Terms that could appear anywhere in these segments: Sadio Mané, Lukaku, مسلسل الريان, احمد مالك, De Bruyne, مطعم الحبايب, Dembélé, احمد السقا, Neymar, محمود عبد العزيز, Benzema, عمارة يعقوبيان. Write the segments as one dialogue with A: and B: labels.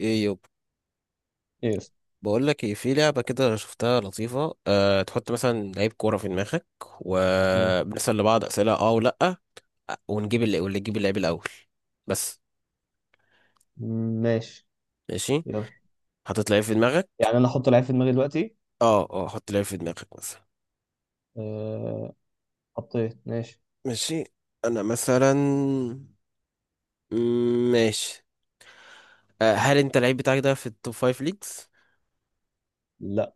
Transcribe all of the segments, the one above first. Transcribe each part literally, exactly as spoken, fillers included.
A: ايه يب.
B: يس.
A: بقول لك ايه، في لعبه كده أنا شفتها لطيفه، أه تحط مثلا لعيب كوره في دماغك
B: مم.
A: وبنسال لبعض اسئله اه ولا ونجيب اللي واللي يجيب اللعيب الاول بس.
B: ماشي.
A: ماشي.
B: يلا.
A: حطيت لعيب في دماغك.
B: يعني انا احط لعيب في دماغي دلوقتي؟
A: اه اه حط لعيب في دماغك مثلا.
B: أه... حطيت. ماشي.
A: ماشي، انا مثلا. مم، ماشي. أه هل انت اللعيب بتاعك ده في التوب فايف ليجز؟
B: لا.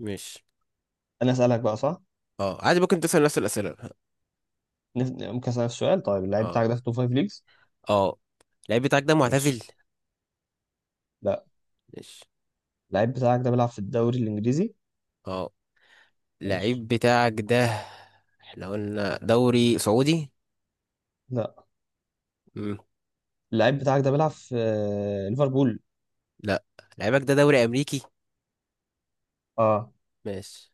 A: ماشي.
B: انا اسالك بقى، صح؟
A: اه عادي، ممكن تسال نفس الاسئله.
B: نف... ممكن اسالك السؤال؟ طيب، اللعيب
A: اه
B: بتاعك ده في توب فايف ليجز؟
A: اه اللعيب بتاعك ده
B: ماشي.
A: معتزل؟
B: لا. اللعيب بتاعك ده بيلعب في الدوري الانجليزي؟
A: اه.
B: ماشي.
A: اللعيب بتاعك ده احنا قلنا دوري سعودي.
B: لا.
A: مم.
B: اللعيب بتاعك ده بيلعب في آه، ليفربول؟
A: لا، لعيبك ده دوري امريكي.
B: اه.
A: ماشي.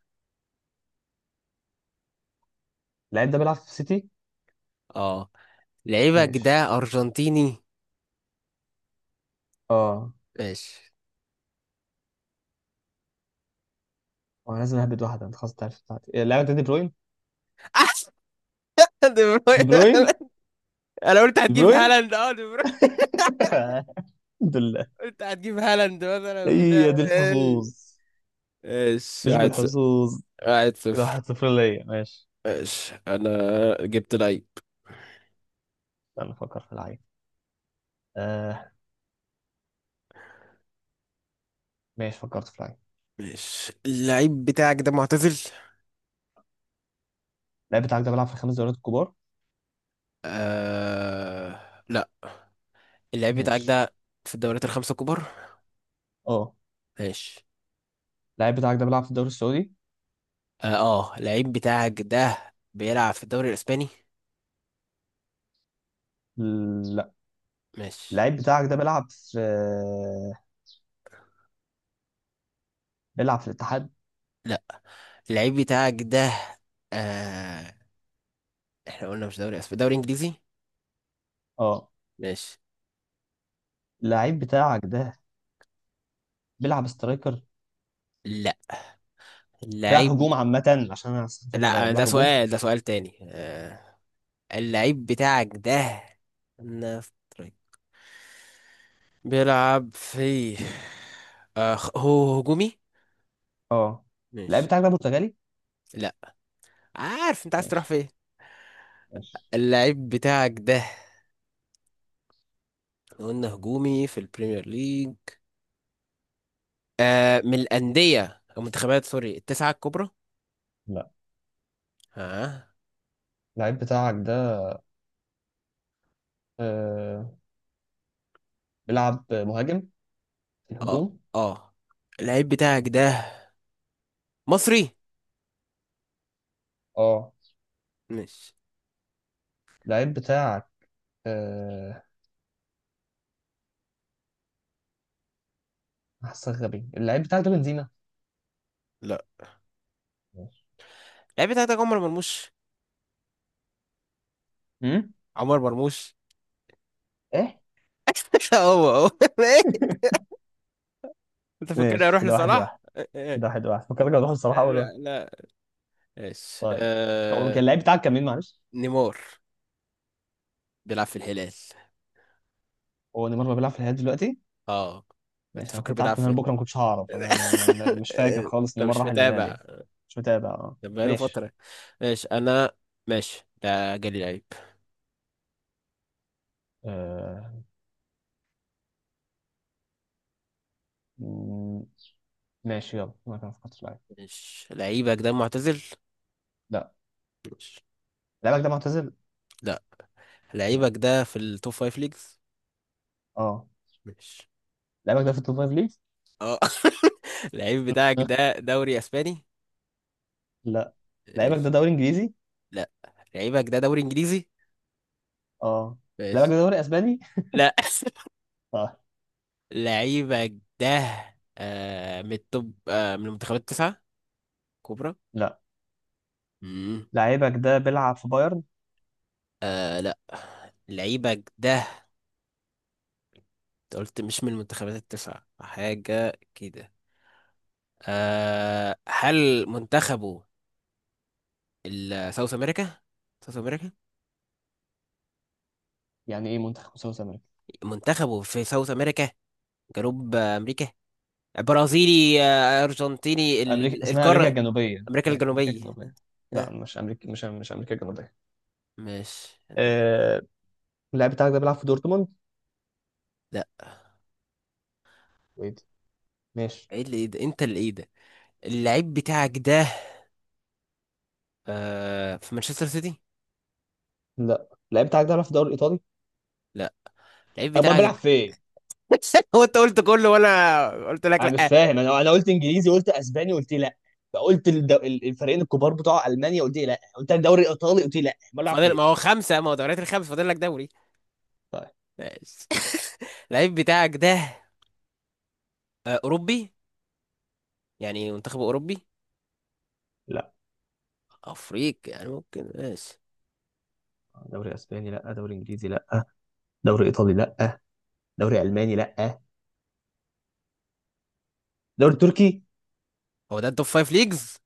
B: اللعيب ده بيلعب في سيتي؟
A: اه، لعيبك
B: ماشي.
A: ده ارجنتيني.
B: اه.
A: ماشي.
B: وانا لازم اهبد واحده، انت خلاص تعرف بتاعتي إيه، اللعيب ده دي بروين.
A: دي بروين!
B: دي بروين.
A: انا قلت
B: دي
A: هتجيب
B: بروين.
A: هالاند، اه دي بروين.
B: الحمد لله.
A: قلت هتجيب هالاند مثلا بتاع
B: هي دي الحظوظ.
A: ايه. ماشي،
B: مش
A: واحد صفر.
B: بالحظوظ.
A: واحد
B: كده
A: صفر.
B: واحد صفر ليا. ماشي.
A: ماشي انا، جبت لعيب.
B: استنى افكر في لعيب. آه ماشي، فكرت في لعيب.
A: ماشي. اللعيب بتاعك ده معتزل؟
B: اللعيب بتاعك ده بيلعب في الخمس دوريات الكبار؟
A: آه... لا. اللعيب بتاعك
B: ماشي.
A: ده في الدوريات الخمسة الكبار؟
B: اه.
A: ماشي.
B: اللعيب بتاعك ده بيلعب في الدوري السعودي؟
A: اه آه، اللعيب بتاعك ده بيلعب في الدوري الاسباني؟
B: لا.
A: ماشي.
B: اللعيب بتاعك ده بيلعب في بيلعب في الاتحاد؟
A: لا، اللعيب بتاعك ده، آه احنا قلنا مش دوري اسباني، دوري انجليزي.
B: اه.
A: ماشي.
B: اللعيب بتاعك ده بيلعب سترايكر؟
A: لا،
B: بيلعب
A: اللعيب.
B: هجوم عامة، عشان انا أصلاً فاكر بقى
A: لا، ده
B: بيلعب هجوم.
A: سؤال، ده سؤال تاني. آه اللعيب بتاعك ده، نفترض، بيلعب في، آه خ- هو هجومي.
B: اه. اللعيب بتاعك ده برتغالي؟
A: لا، عارف انت عايز تروح
B: ماشي.
A: فين.
B: ماشي.
A: اللعيب بتاعك ده قلنا هجومي في البريمير ليج. آه من الأندية أو منتخبات سوري التسعة الكبرى؟
B: لا.
A: ها.
B: اللعيب بتاعك ده آه بيلعب مهاجم في
A: اه.
B: الهجوم؟
A: اه اللعيب بتاعك ده مصري؟
B: اه.
A: مش.
B: اللعيب بتاعك، آه، حاسسك غبي. اللعيب بتاعك ده بنزيما؟
A: لا،
B: ماشي.
A: اللعيب بتاعك ده عمر مرموش.
B: امم.
A: عمر مرموش.
B: ايه.
A: هو هو. انت فاكرني
B: ماشي،
A: اروح
B: كده واحد
A: لصلاح؟
B: واحد كده واحد واحد، فكرك هتروح الصراحه اول واحد.
A: لا لا. ايش
B: طيب. هو كان
A: آه...
B: اللعيب بتاعك كان مين، معلش؟
A: نيمار، بيلعب في الهلال.
B: هو نيمار ما بيلعب في الهلال دلوقتي؟
A: اه، انت
B: ماشي. انا
A: فاكره
B: كنت
A: بيلعب
B: قعدت من هنا
A: في
B: بكره ما كنتش هعرف. انا أنا- أنا- أنا مش فاكر خالص
A: انت
B: نيمار
A: مش
B: راح الهلال
A: متابع.
B: يعني. مش متابع، اه.
A: ده بقاله
B: ماشي.
A: فترة. ماشي انا. ماشي، ده جالي لعيب.
B: آه... مم، ماشي يلا، ما كان فكرت في لعيب.
A: ماشي، لعيبك ده معتزل؟
B: لا.
A: ماشي.
B: لعيبك ده معتزل؟
A: لا،
B: ماشي.
A: لعيبك ده في التوب فايف ليجز.
B: اه.
A: ماشي.
B: لعيبك ده في التوب فايف ليج؟
A: اه. اللعيب بتاعك ده دوري اسباني؟
B: لا. لعيبك ده
A: ماشي.
B: دوري انجليزي؟
A: لعيبك ده دوري انجليزي.
B: اه. لعيبك
A: ماشي.
B: ده دوري اسباني؟
A: لا.
B: اه.
A: لعيبك ده آه من التوب، آه من المنتخبات التسعة كبرى؟
B: لا.
A: امم
B: لعيبك ده بيلعب في بايرن؟
A: آه لا، لعيبك ده، انت قلت مش من المنتخبات التسعة، حاجة كده. آه هل منتخبه ال- ساوث امريكا؟ ساوث امريكا.
B: يعني ايه منتخب مساوس امريكا؟
A: منتخبه في ساوث امريكا، جنوب امريكا، برازيلي، آه، ارجنتيني،
B: امريكا
A: ال-
B: اسمها امريكا
A: القارة
B: الجنوبيه،
A: امريكا
B: ماشي، امريكا
A: الجنوبية.
B: الجنوبيه. لا،
A: آه،
B: مش امريكا، مش مش امريكا الجنوبيه.
A: ماشي.
B: آه... اللاعب بتاعك ده بيلعب في دورتموند؟
A: لا،
B: ويت. ماشي.
A: ايه اللي ايه ده، انت اللي ايه ده. اللعيب بتاعك ده آه في مانشستر سيتي؟
B: لا. اللاعب بتاعك ده بيلعب في الدوري الايطالي؟
A: لا، اللعيب
B: امال
A: بتاعك ده.
B: بيلعب فين؟
A: هو انت قلت كله وانا قلت لك
B: انا
A: لا.
B: مش
A: آه،
B: فاهم. انا انا قلت انجليزي، قلت اسباني، قلت لا. قلت الد- ال- الفريقين الكبار بتوع المانيا، قلت لا. قلت الدوري الايطالي، قلت لا. امال بيلعب
A: فاضل،
B: فين؟
A: ما هو خمسة، ما هو دوريات الخمس، فاضل لك دوري.
B: طيب.
A: ماشي. اللعيب بتاعك ده آه اوروبي، يعني منتخب اوروبي؟
B: لا
A: افريقي يعني ممكن. ماشي،
B: دوري اسباني، لا دوري انجليزي، لا، دوري ايطالي لا، دوري الماني لا، دوري تركي؟
A: هو ده التوب فايف ليجز.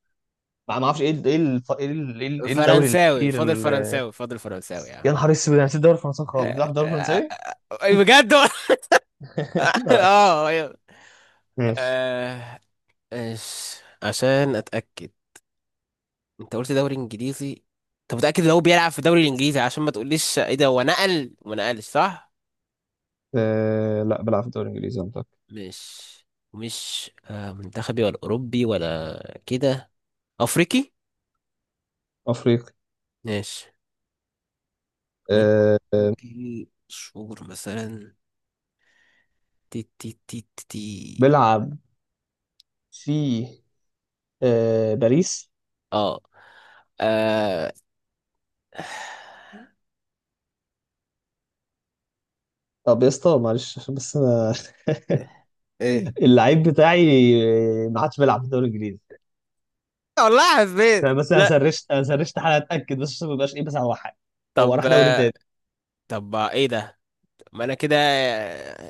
B: ما ما اعرفش ايه ال- ايه ال- ايه ال- ايه ال- إيه الدوري
A: فرنساوي
B: الاخير
A: فاضل،
B: ال-
A: فرنساوي فاضل، فرنساوي يا عم.
B: يا نهار اسود، انا نسيت الدوري الفرنسي خالص. بتلعب في الدوري الفرنساوي؟
A: أي بجد؟
B: لا.
A: اه أيوة.
B: ماشي.
A: آه، إيش، عشان اتاكد. انت قلت دوري انجليزي، انت متاكد ان هو بيلعب في الدوري الانجليزي؟ عشان ما تقوليش ايه ده هو نقل وما نقلش صح.
B: أه، لا، بلعب في الدوري الانجليزي منطقي.
A: مش، مش آه، منتخبي ولا اوروبي ولا كده؟ افريقي.
B: افريقي.
A: ماشي. مين؟
B: أه.
A: دي شهور مثلا. تي تي تي تي تي.
B: بلعب في أه باريس.
A: اه آه،
B: طب يا اسطى، معلش، عشان بس انا.
A: ايه؟
B: اللعيب بتاعي، آه، ما عادش بيلعب في الدوري الانجليزي.
A: والله حسيت.
B: فانا بس، انا
A: لا.
B: سرشت انا سرشت حاجه اتاكد بس، عشان ما يبقاش ايه بس على واحد. هو
A: طب
B: راح دوري
A: آه،
B: تاني.
A: طب آه، ايه ده؟ ما انا كده،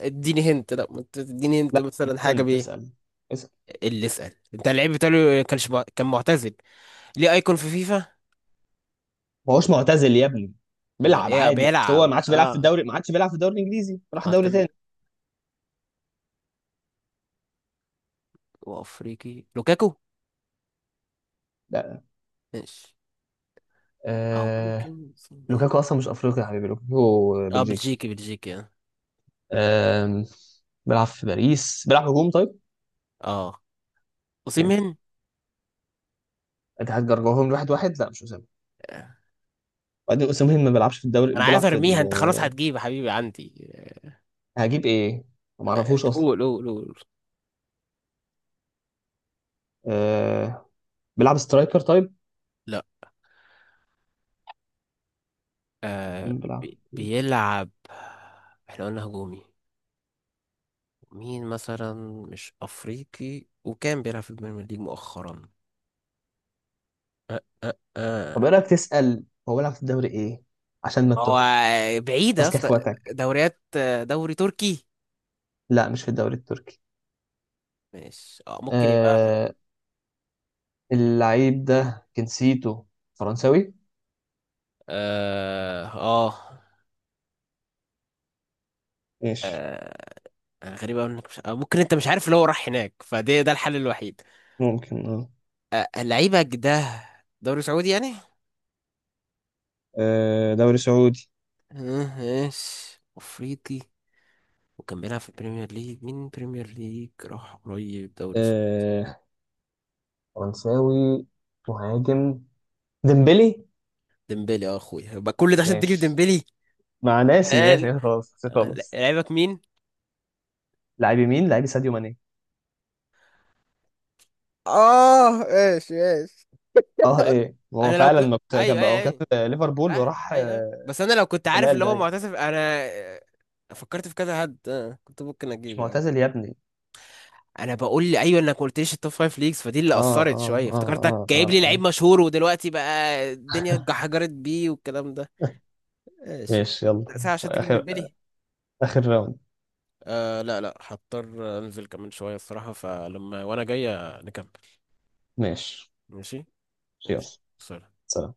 A: اديني هنت. لا، ما انت تديني هنت
B: لا.
A: مثلا حاجه
B: كان
A: بايه.
B: تسال.
A: اللي اسال انت اللعيب بتاعه، كانش مع- كان معتزل، ليه ايكون في فيفا؟
B: ما هوش معتزل يا ابني.
A: امال
B: بيلعب
A: ايه
B: عادي، بس هو
A: بيلعب؟
B: ما عادش بيلعب في
A: اه،
B: الدوري. ما عادش بيلعب في الدوري الانجليزي. راح
A: حتى
B: دوري
A: من،
B: تاني.
A: وافريقي لوكاكو؟
B: لا.
A: ماشي. او
B: آه...
A: ممكن سيمين.
B: لوكاكو اصلا مش افريقي يا حبيبي، لوكاكو
A: اه
B: بلجيكي.
A: بلجيكي، بلجيكي اه.
B: آه... بيلعب في باريس، بيلعب هجوم، طيب.
A: اه اوسيمين.
B: ماشي. اتحاد جرجعهم واحد واحد. لا، مش اسامه.
A: آه.
B: وبعدين اسامه ما بيلعبش في الدوري،
A: انا عايز
B: بيلعب في ال...
A: ارميها، انت خلاص هتجيب يا حبيبي عندي.
B: هجيب ايه؟ ما
A: آه،
B: اعرفوش اصلا.
A: قول قول قول.
B: آه... بيلعب سترايكر، طيب.
A: آه
B: مين بيلعب
A: بي-
B: في باريس؟
A: بيلعب. احنا قلنا هجومي. مين مثلا؟ مش افريقي وكان بيلعب في البريمير ليج مؤخرا. أه
B: طب ايه
A: أه.
B: رايك تسال هو بيلعب في الدوري ايه، عشان ما
A: ما هو
B: تتوهش.
A: بعيدة
B: ماسك
A: في
B: اخواتك.
A: دوريات، دوري تركي؟
B: لا، مش في الدوري التركي.
A: مش، اه ممكن يبقى في.
B: آه اللعيب ده جنسيته فرنساوي.
A: اه اه
B: ماشي.
A: آه، غريبة أوي انك مش... آه، ممكن انت مش عارف اللي هو راح هناك، فده ده الحل الوحيد.
B: ممكن اه.
A: لعيبك ده دوري سعودي يعني؟
B: آه، دوري سعودي.
A: آه، ماشي، افريقي، وكان بيلعب في البريمير ليج، مين بريمير ليج راح قريب دوري سعودي؟
B: آه. فرنساوي. مهاجم. ديمبلي.
A: ديمبلي؟ اه اخويا، يبقى كل ده عشان تجيب
B: ماشي.
A: ديمبلي.
B: مع ناسي ناسي
A: هل
B: ناسي، خلاص ناسي، خلاص.
A: لعيبك مين؟
B: لعيب يمين، لعيب ساديو ماني.
A: اه ايش ايش.
B: اه، ايه، هو
A: انا لو
B: فعلا
A: كنت،
B: ما كنت- كان
A: ايوه
B: بقى
A: ايوه
B: هو كان
A: ايوه،
B: في ليفربول
A: سهل،
B: وراح
A: ايوه ايوه،
B: آه،
A: بس انا لو كنت عارف
B: الهلال
A: اللي هو
B: باين.
A: معتزف انا. آه، فكرت في كذا حد، آه، كنت ممكن
B: مش
A: اجيبه عادي.
B: معتزل يا ابني.
A: انا بقول لي ايوه، انك ما قلتليش التوب فايف ليجز، فدي اللي
B: اه،
A: اثرت
B: اه،
A: شويه،
B: اه،
A: افتكرتك
B: اه،
A: جايب
B: اه،
A: لي لعيب
B: آه.
A: مشهور ودلوقتي بقى الدنيا اتحجرت بيه والكلام ده. ماشي،
B: ماشي يلا.
A: ساعه عشان تجيبني
B: اخر
A: ببالي.
B: اخر راوند.
A: آه لا لا، هضطر انزل كمان شويه الصراحه، فلما وانا جاي نكمل.
B: ماشي
A: ماشي.
B: يلا.
A: ماشي. سلام.
B: سلام.